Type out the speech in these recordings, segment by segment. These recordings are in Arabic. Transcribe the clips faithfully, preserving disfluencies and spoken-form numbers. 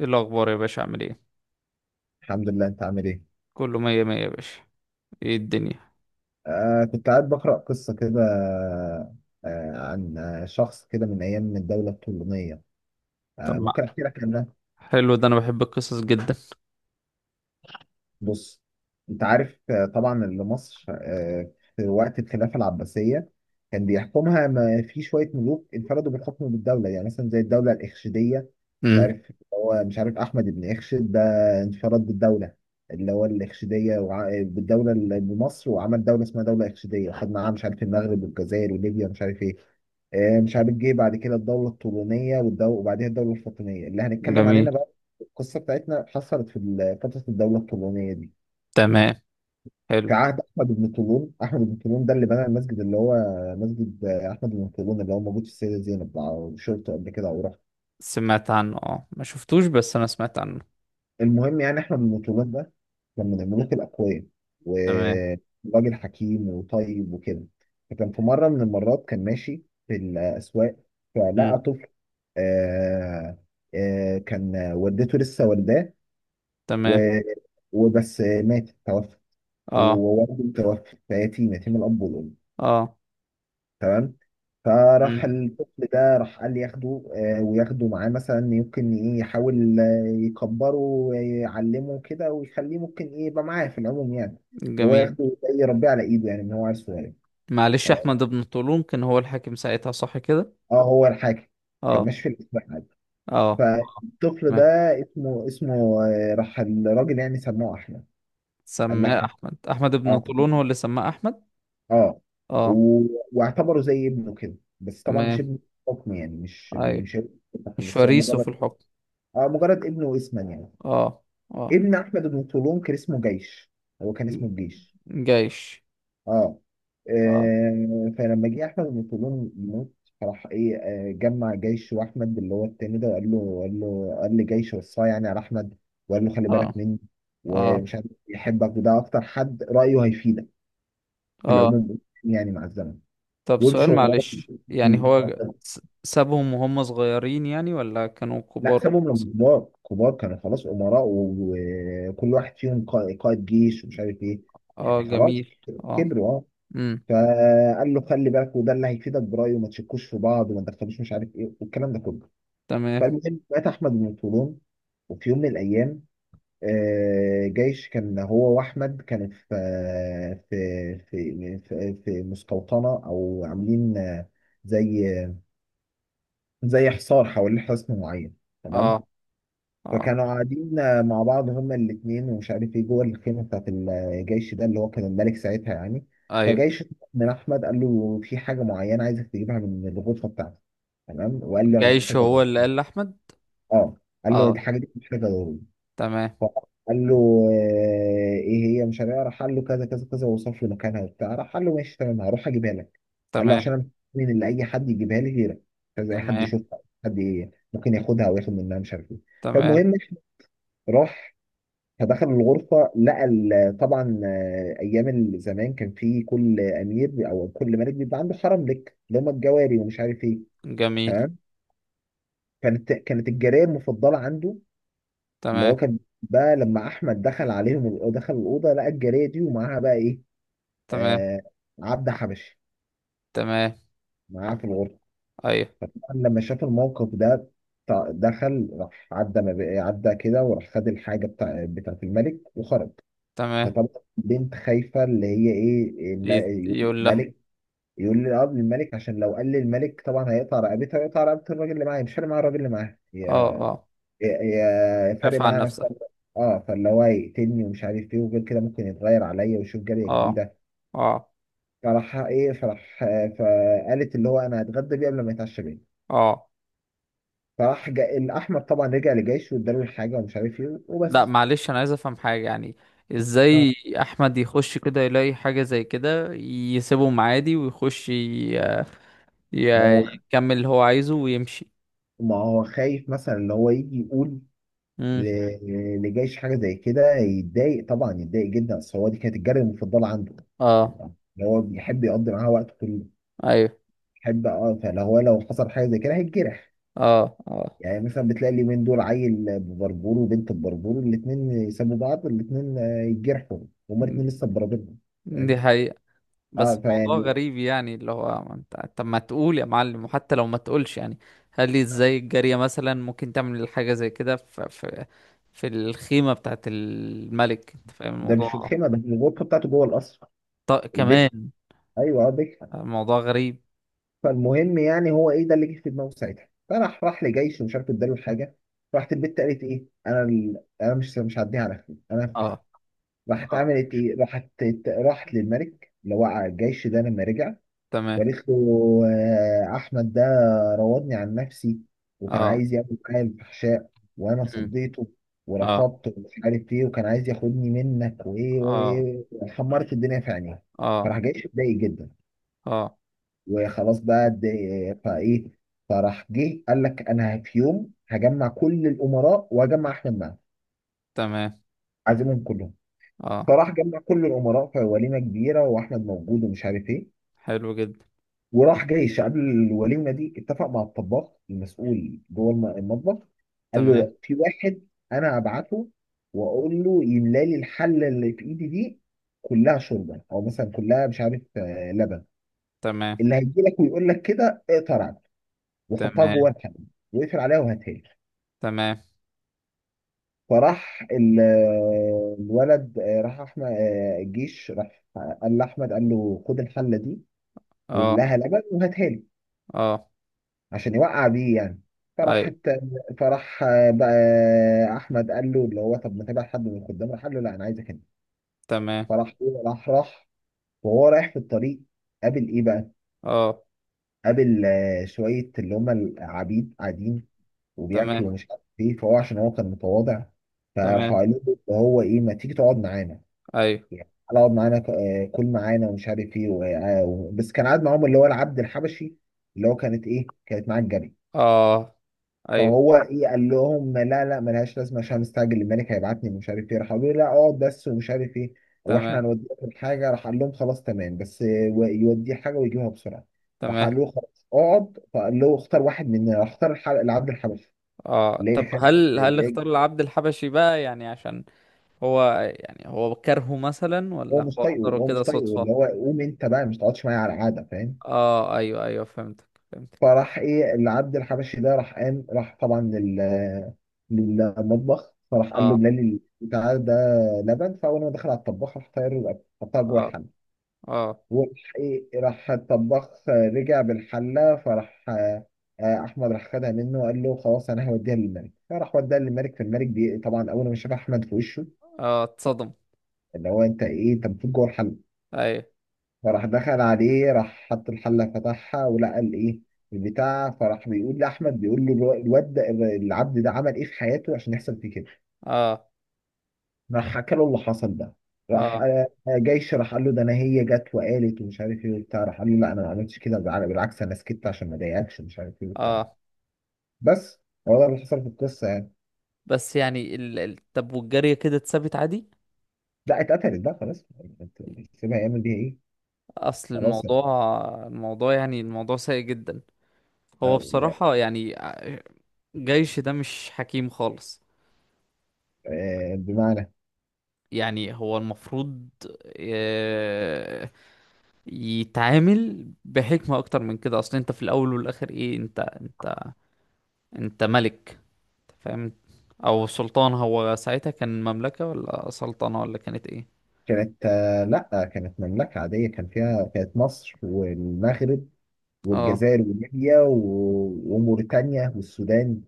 ايه الاخبار يا باشا عامل ايه؟ الحمد لله. انت عامل ايه؟ كله مية مية يا باشا. ايه الدنيا؟ آه كنت قاعد بقرأ قصة كده آه عن آه، شخص كده من ايام الدولة الطولونية. طب آه ما ممكن احكي لك عنها. حلو ده، انا بحب القصص جدا. بص، انت عارف آه، طبعا اللي مصر آه، في وقت الخلافه العباسيه كان بيحكمها ما في شويه ملوك انفردوا بالحكم بالدوله، يعني مثلا زي الدوله الاخشيديه. مش امم عارف، هو مش عارف احمد بن اخشد ده انفرد بالدوله، اللي هو الاخشيديه، وع... بالدوله اللي بمصر، وعمل دوله اسمها دوله اخشيديه، وخد معاها مش عارف المغرب والجزائر وليبيا مش عارف ايه. آه، مش عارف جه بعد كده الدوله الطولونيه والدو... وبعدها الدوله الفاطميه اللي هنتكلم جميل. علينا بقى. القصه بتاعتنا حصلت في ال- فتره الدوله الطولونيه دي، تمام. حلو. في عهد احمد بن طولون. احمد بن طولون ده اللي بنى المسجد اللي هو مسجد احمد بن طولون، اللي هو موجود في السيده زينب. على شرطه قبل كده او رحت؟ سمعت عنه، اه ما شفتوش بس انا سمعت عنه. المهم، يعني احمد بن طولون ده كان من الملوك الاقوياء، تمام. وراجل حكيم وطيب وكده. فكان في مره من المرات كان ماشي في الاسواق، فلقى امم طفل. آه آه كان والدته لسه والداه، تمام. و- وبس مات، توفى، اه، ووالده توفى، فيتيم، يتيم الاب والام. اه. تمام. فراح امم الطفل ده، راح قال لي ياخده، آه، وياخده معاه، مثلا يمكن ايه يحاول آه، يكبره ويعلمه كده ويخليه ممكن ايه يبقى معاه في العموم يعني. اللي هو جميل. ياخده زي يربيه على ايده، يعني ان هو عيل صغير. معلش، تمام، احمد بن طولون كان هو الحاكم ساعتها، صح كده؟ اه هو الحاكم. كان اه، ماشي في الاسبوع عادي، اه. فالطفل ده تمام. اسمه اسمه آه، راح الراجل يعني سموه احمد. قال سماه لك، احمد، احمد بن اه، طولون هو اللي سماه احمد. اه. اه. و- واعتبره زي ابنه كده، بس طبعا مش تمام. ابنه. حكم يعني، مش ايوه. مش هيبقى حكم، مش بس هو فريسه في مجرد، الحكم. اه، مجرد ابنه اسما يعني. اه، اه. ابن احمد بن طولون كان اسمه جيش، هو كان اسمه الجيش. جيش. اه. اه، آه، فلما جه احمد بن طولون يموت، راح ايه، آه، جمع جيش واحمد اللي هو التاني ده، وقال له، قال له قال لجيش، وصاه يعني على احمد، وقال له خلي اه، بالك مني اه، ومش عارف يحبك، وده اكتر حد رايه هيفيدك في اه. العموم يعني مع الزمن. طب سؤال وامشوا وراك معلش، يعني دي. هو س- سابهم وهم صغيرين يعني، ولا كانوا لا، كبار سابهم لما وخلاص؟ كبار. كبار كانوا خلاص، امراء و- وكل واحد فيهم قا- قائد جيش ومش عارف ايه. اه يعني خلاص جميل. اه. كبروا، اه. امم فقال له خلي بالك، وده اللي هيفيدك برايه، وما تشكوش في بعض، وما تدخلوش مش عارف ايه، والكلام ده كله. تمام. فالمهم مات احمد بن طولون، وفي يوم من الايام آه، جيش كان هو واحمد كانوا في آه، في في في, في مستوطنه، او عاملين آه، زي، زي حصار حوالين حصن معين. تمام. اه، اه، فكانوا قاعدين آه، مع بعض هما الاثنين ومش عارف ايه جوه الخيمه بتاعت الجيش ده، اللي هو كان الملك ساعتها يعني. ايوه. فجيش من احمد قال له في حاجه معينه عايزك تجيبها من الغرفه بتاعتي. تمام. وقال له انا جيش محتاج هو ادور، اللي قال لاحمد؟ اه، قال له اه. الحاجه دي محتاجه ضروري. تمام. فقال له آه، ايه هي؟ مش عارف إيه. راح قال له كذا كذا كذا، ووصف له مكانها وبتاع. راح قال له ماشي، تمام، هروح اجيبها لك. قال له تمام. عشان انا، من اللي اي حد يجيبها لي غيرك، مش عايز اي حد تمام. يشوفها. حد ي- ممكن ياخدها او ياخد منها مش عارف ايه. تمام. فالمهم، راح فدخل الغرفة، لقى ال- طبعا آه، أيام زمان كان في كل أمير أو كل ملك بيبقى عنده حرم لك، اللي هم الجواري ومش عارف إيه. جميل. تمام. كانت كانت الجارية المفضلة عنده، اللي تمام. هو كان بقى لما أحمد دخل عليهم، ال- دخل الأوضة لقى الجارية دي ومعاها بقى إيه؟ تمام. آه، عبد حبشي تمام. معاها في الغرفة. ايوه. لما شاف الموقف ده، ط- دخل، راح عدى، ما بقى- عدى كده، وراح خد الحاجة بتاع بتاعت الملك وخرج. تمام. فطبعا البنت خايفه، اللي هي ايه، الم- ي- يقول يقول لها؟ الملك، يقول لي، اه، للملك، عشان لو قال للملك طبعا هيقطع رقبتها ويقطع رقبه الراجل اللي معايا. مش فارق معايا الراجل اللي معايا، هي، اه، اه. هي- هي فارق عرف عن معايا نفسها. نفسك. اه. فاللي هو يقتلني ومش عارف ايه، وغير كده ممكن يتغير عليا ويشوف جاريه اه، جديده. اه، فراح ايه، فراح آه، فقالت اللي هو انا هتغدى بيه قبل ما يتعشى بيه. اه. فراح جا... الاحمد طبعا رجع لجيشه، واداله الحاجه ومش عارف ايه لا وبس. معلش، انا عايز افهم حاجة يعني. اه. ازاي احمد يخش كده يلاقي حاجة زي كده يسيبهم عادي ويخش ي- ما ي- هو يكمل اللي هو عايزه ويمشي؟ ما هو خايف، مثلا اللي هو يجي يقول، امم ل- اللي جايش حاجه زي كده يتضايق، طبعا يتضايق جدا، اصل هو دي كانت الجاريه المفضله عنده يعني. اه، هو بيحب يقضي معاها وقت كله، ايوه. بيحب، اه. فلو هو لو حصل حاجه زي كده هيتجرح، اه، اه. يعني مثلا بتلاقي اليومين دول عيل ببربور وبنت ببربور، الاثنين يسابوا بعض الاثنين يتجرحوا، هما م- الاثنين لسه ببربرهم. دي فاهم؟ حقيقة. بس اه، موضوع فيعني، غريب يعني، اللي هو ما انت طب ما تقول يا معلم، وحتى لو ما تقولش يعني. هل لي ازاي الجارية مثلا ممكن تعمل حاجة زي كده في في في الخيمة بتاعت الملك، انت فاهم ده مش في الموضوع؟ الخيمه بس، الغرفه بتاعته جوه القصر، طيب البيت. كمان ايوه، اه، بيت. الموضوع غريب. فالمهم يعني هو ايه ده اللي جه في دماغه ساعتها، فراح راح لجيش ومش عارف اداله الحاجه. راحت البت قالت ايه، انا ال... انا مش مش هعديها على خير، انا هفتحها. اه، راحت اه. عملت ايه، راحت، راحت للملك اللي هو على الجيش ده لما رجع، تمام. وقالت له آه، احمد ده راودني عن نفسي، وكان اه. عايز يعمل معايا الفحشاء، وانا مم. صديته اه، ورفضته ومش عارف ايه، وكان عايز ياخدني منك، وايه اه، وايه وإيه. حمرت الدنيا في عينيه. اه، فراح جيش اتضايق جدا، اه. وخلاص بقى دي- فايه. فراح جه قال لك انا في يوم هجمع كل الامراء واجمع احمد معاهم، تمام. عازمهم كلهم. اه. فراح جمع كل الامراء في وليمه كبيره، واحمد موجود ومش عارف ايه. حلو جدا. وراح جيش قبل الوليمه دي اتفق مع الطباخ المسؤول جوه الم- المطبخ. قال له تمام. لا، في واحد انا ابعته، واقول له يملى لي الحله اللي في ايدي دي كلها شوربه، او مثلا كلها مش عارف آه، لبن. تمام. اللي هيجي لك ويقول لك كده، اقطع رقبته وحطها جوه تمام. الحلة، وقفل عليها وهاتها لي. تمام. فراح ال- الولد، آه، راح احمد آه، الجيش راح قال لاحمد، قال له خد الحله دي اه، واملاها لبن وهاتها لي، اه، عشان يوقع بيه يعني. فراحت، ايوه. فراح آه، بقى آه، احمد قال له اللي هو طب ما تبعت حد من الخدام. راح قال له لا، انا عايزك انت. تمام. فراح هو- راح راح وهو رايح في الطريق، قابل ايه بقى؟ اه. قابل آه، شويه اللي هم العبيد قاعدين وبياكل تمام. ومش عارف ايه، فهو عشان هو كان متواضع. فراحوا تمام. قالوا له اللي هو ايه، ما تيجي تقعد معانا، ايوه. يعني تعالى اقعد معانا ك- آه، كل معانا ومش عارف ايه و- آه، آه، و- بس كان قاعد معاهم اللي هو العبد الحبشي، اللي هو كانت ايه، كانت معاه الجري. اه، ايوه. فهو ايه، قال لهم لا لا ملهاش لازمه، عشان مستعجل، الملك هيبعتني ومش عارف ايه. راح قالوا له لا اقعد بس ومش عارف ايه، واحنا تمام. هنوديك حاجه. راح قال لهم خلاص تمام، بس آه، و- يوديه حاجه ويجيبها بسرعه. راح تمام. قال له خلاص اقعد، فقال له اختار واحد مننا. راح اختار الح- العبد الحبشي. اه، طب ليه خالد؟ هل هل اختار العبد الحبشي بقى يعني عشان هو؟ يعني هو كرهه مثلا، هو ولا مش هو طايقه، اختاره هو كده مش طايقه، اللي صدفة؟ هو قوم انت بقى مش تقعدش معايا على القعده. فاهم؟ اه ايوه، ايوه، فهمتك، فهمتك. فراح ايه، اللي عبد الحبشي ده راح قام، راح طبعا لل للمطبخ. فراح قال له اه، بلال بتاع ده لبن. فاول ما دخل على الطباخ، راح طاير له الأكل، حطها جوه اه، الحله. اه، وراح ايه راح الطباخ آه، رجع بالحله. فراح آه، آه، احمد راح خدها منه، وقال له خلاص انا هوديها للملك. فراح وداها للملك. فالملك بي... طبعا اول ما شاف احمد في وشه، اه، اتصدم. اللي هو انت ايه، انت المفروض جوه الحله. ايوه. فراح دخل عليه، راح حط الحلة فتحها، ولقى الايه، البتاع. فراح بيقول لأحمد، بيقول له الو- الواد ده، العبد ده عمل ايه في حياته عشان يحصل فيه كده. اه، راح حكى له اللي حصل ده. راح اه، آه، جيش راح قال له ده انا هي جت وقالت ومش عارف ايه وبتاع. راح قال له لا، انا ما عملتش كده، بال- بالعكس انا سكت عشان ما اضايقكش ومش عارف ايه وبتاع، اه. بس. هو ده اللي حصل في القصه يعني. بس يعني ال... ال... طب والجارية كده اتثبت عادي؟ لا، اتقتلت بقى خلاص. يعني انت سيبها يعمل بيها ايه؟ اصل خلاص يعني. الموضوع، الموضوع يعني الموضوع سيء جدا. هو آه، بصراحة يعني، آه، جيش ده مش حكيم خالص. آه، بمعنى، يعني هو المفروض، آه، يتعامل بحكمة اكتر من كده. اصل انت في الاول والاخر ايه، انت انت انت ملك. أنت فاهم؟ او سلطان، هو ساعتها كان مملكة ولا سلطنة ولا كانت ايه؟ كانت آه، لا، كانت مملكة عادية، كان فيها كانت مصر والمغرب اه. والجزائر وليبيا و- وموريتانيا والسودان.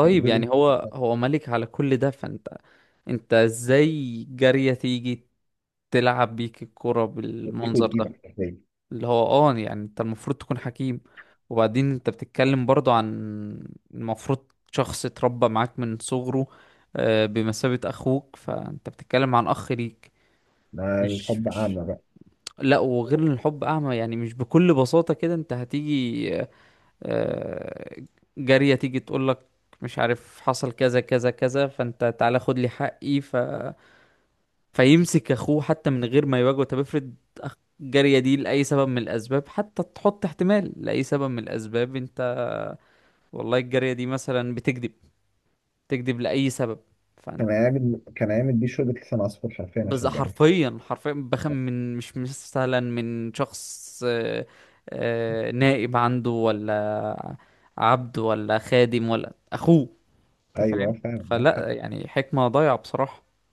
كان جزء يعني كبير هو هو ملك على كل ده، فانت انت ازاي جارية تيجي تلعب بيك الكرة من الافريق بالمنظر والديمة ده؟ حرفيا. اللي هو اه، يعني انت المفروض تكون حكيم. وبعدين انت بتتكلم برضو عن المفروض شخص اتربى معاك من صغره، آه، بمثابة اخوك، فانت بتتكلم عن اخ ليك. ما مش الحب مش أعمى بقى. لا، وغير ان الحب اعمى، يعني مش بكل بساطة كده انت هتيجي، آه، آه، جارية تيجي تقول لك مش عارف حصل كذا كذا كذا، فانت تعالى خد لي حقي ف... فيمسك اخوه حتى من غير ما يواجهه. طب افرض أخ- الجارية دي لأي سبب من الأسباب، حتى تحط احتمال لأي سبب من الأسباب، انت والله الجارية دي مثلا بتكذب، تكذب لأي سبب، فانت كان أيام، كان أيام البيشو، اللي كان عصفور حرفيا بز عشان جامد. حرفيا، حرفيا بخم من، مش مثلا من شخص، آه، آه، نائب عنده ولا عبد ولا خادم ولا أخوه. انت أيوه فاهم؟ فلا فعلا. يعني، حكمة ضايعة بصراحة.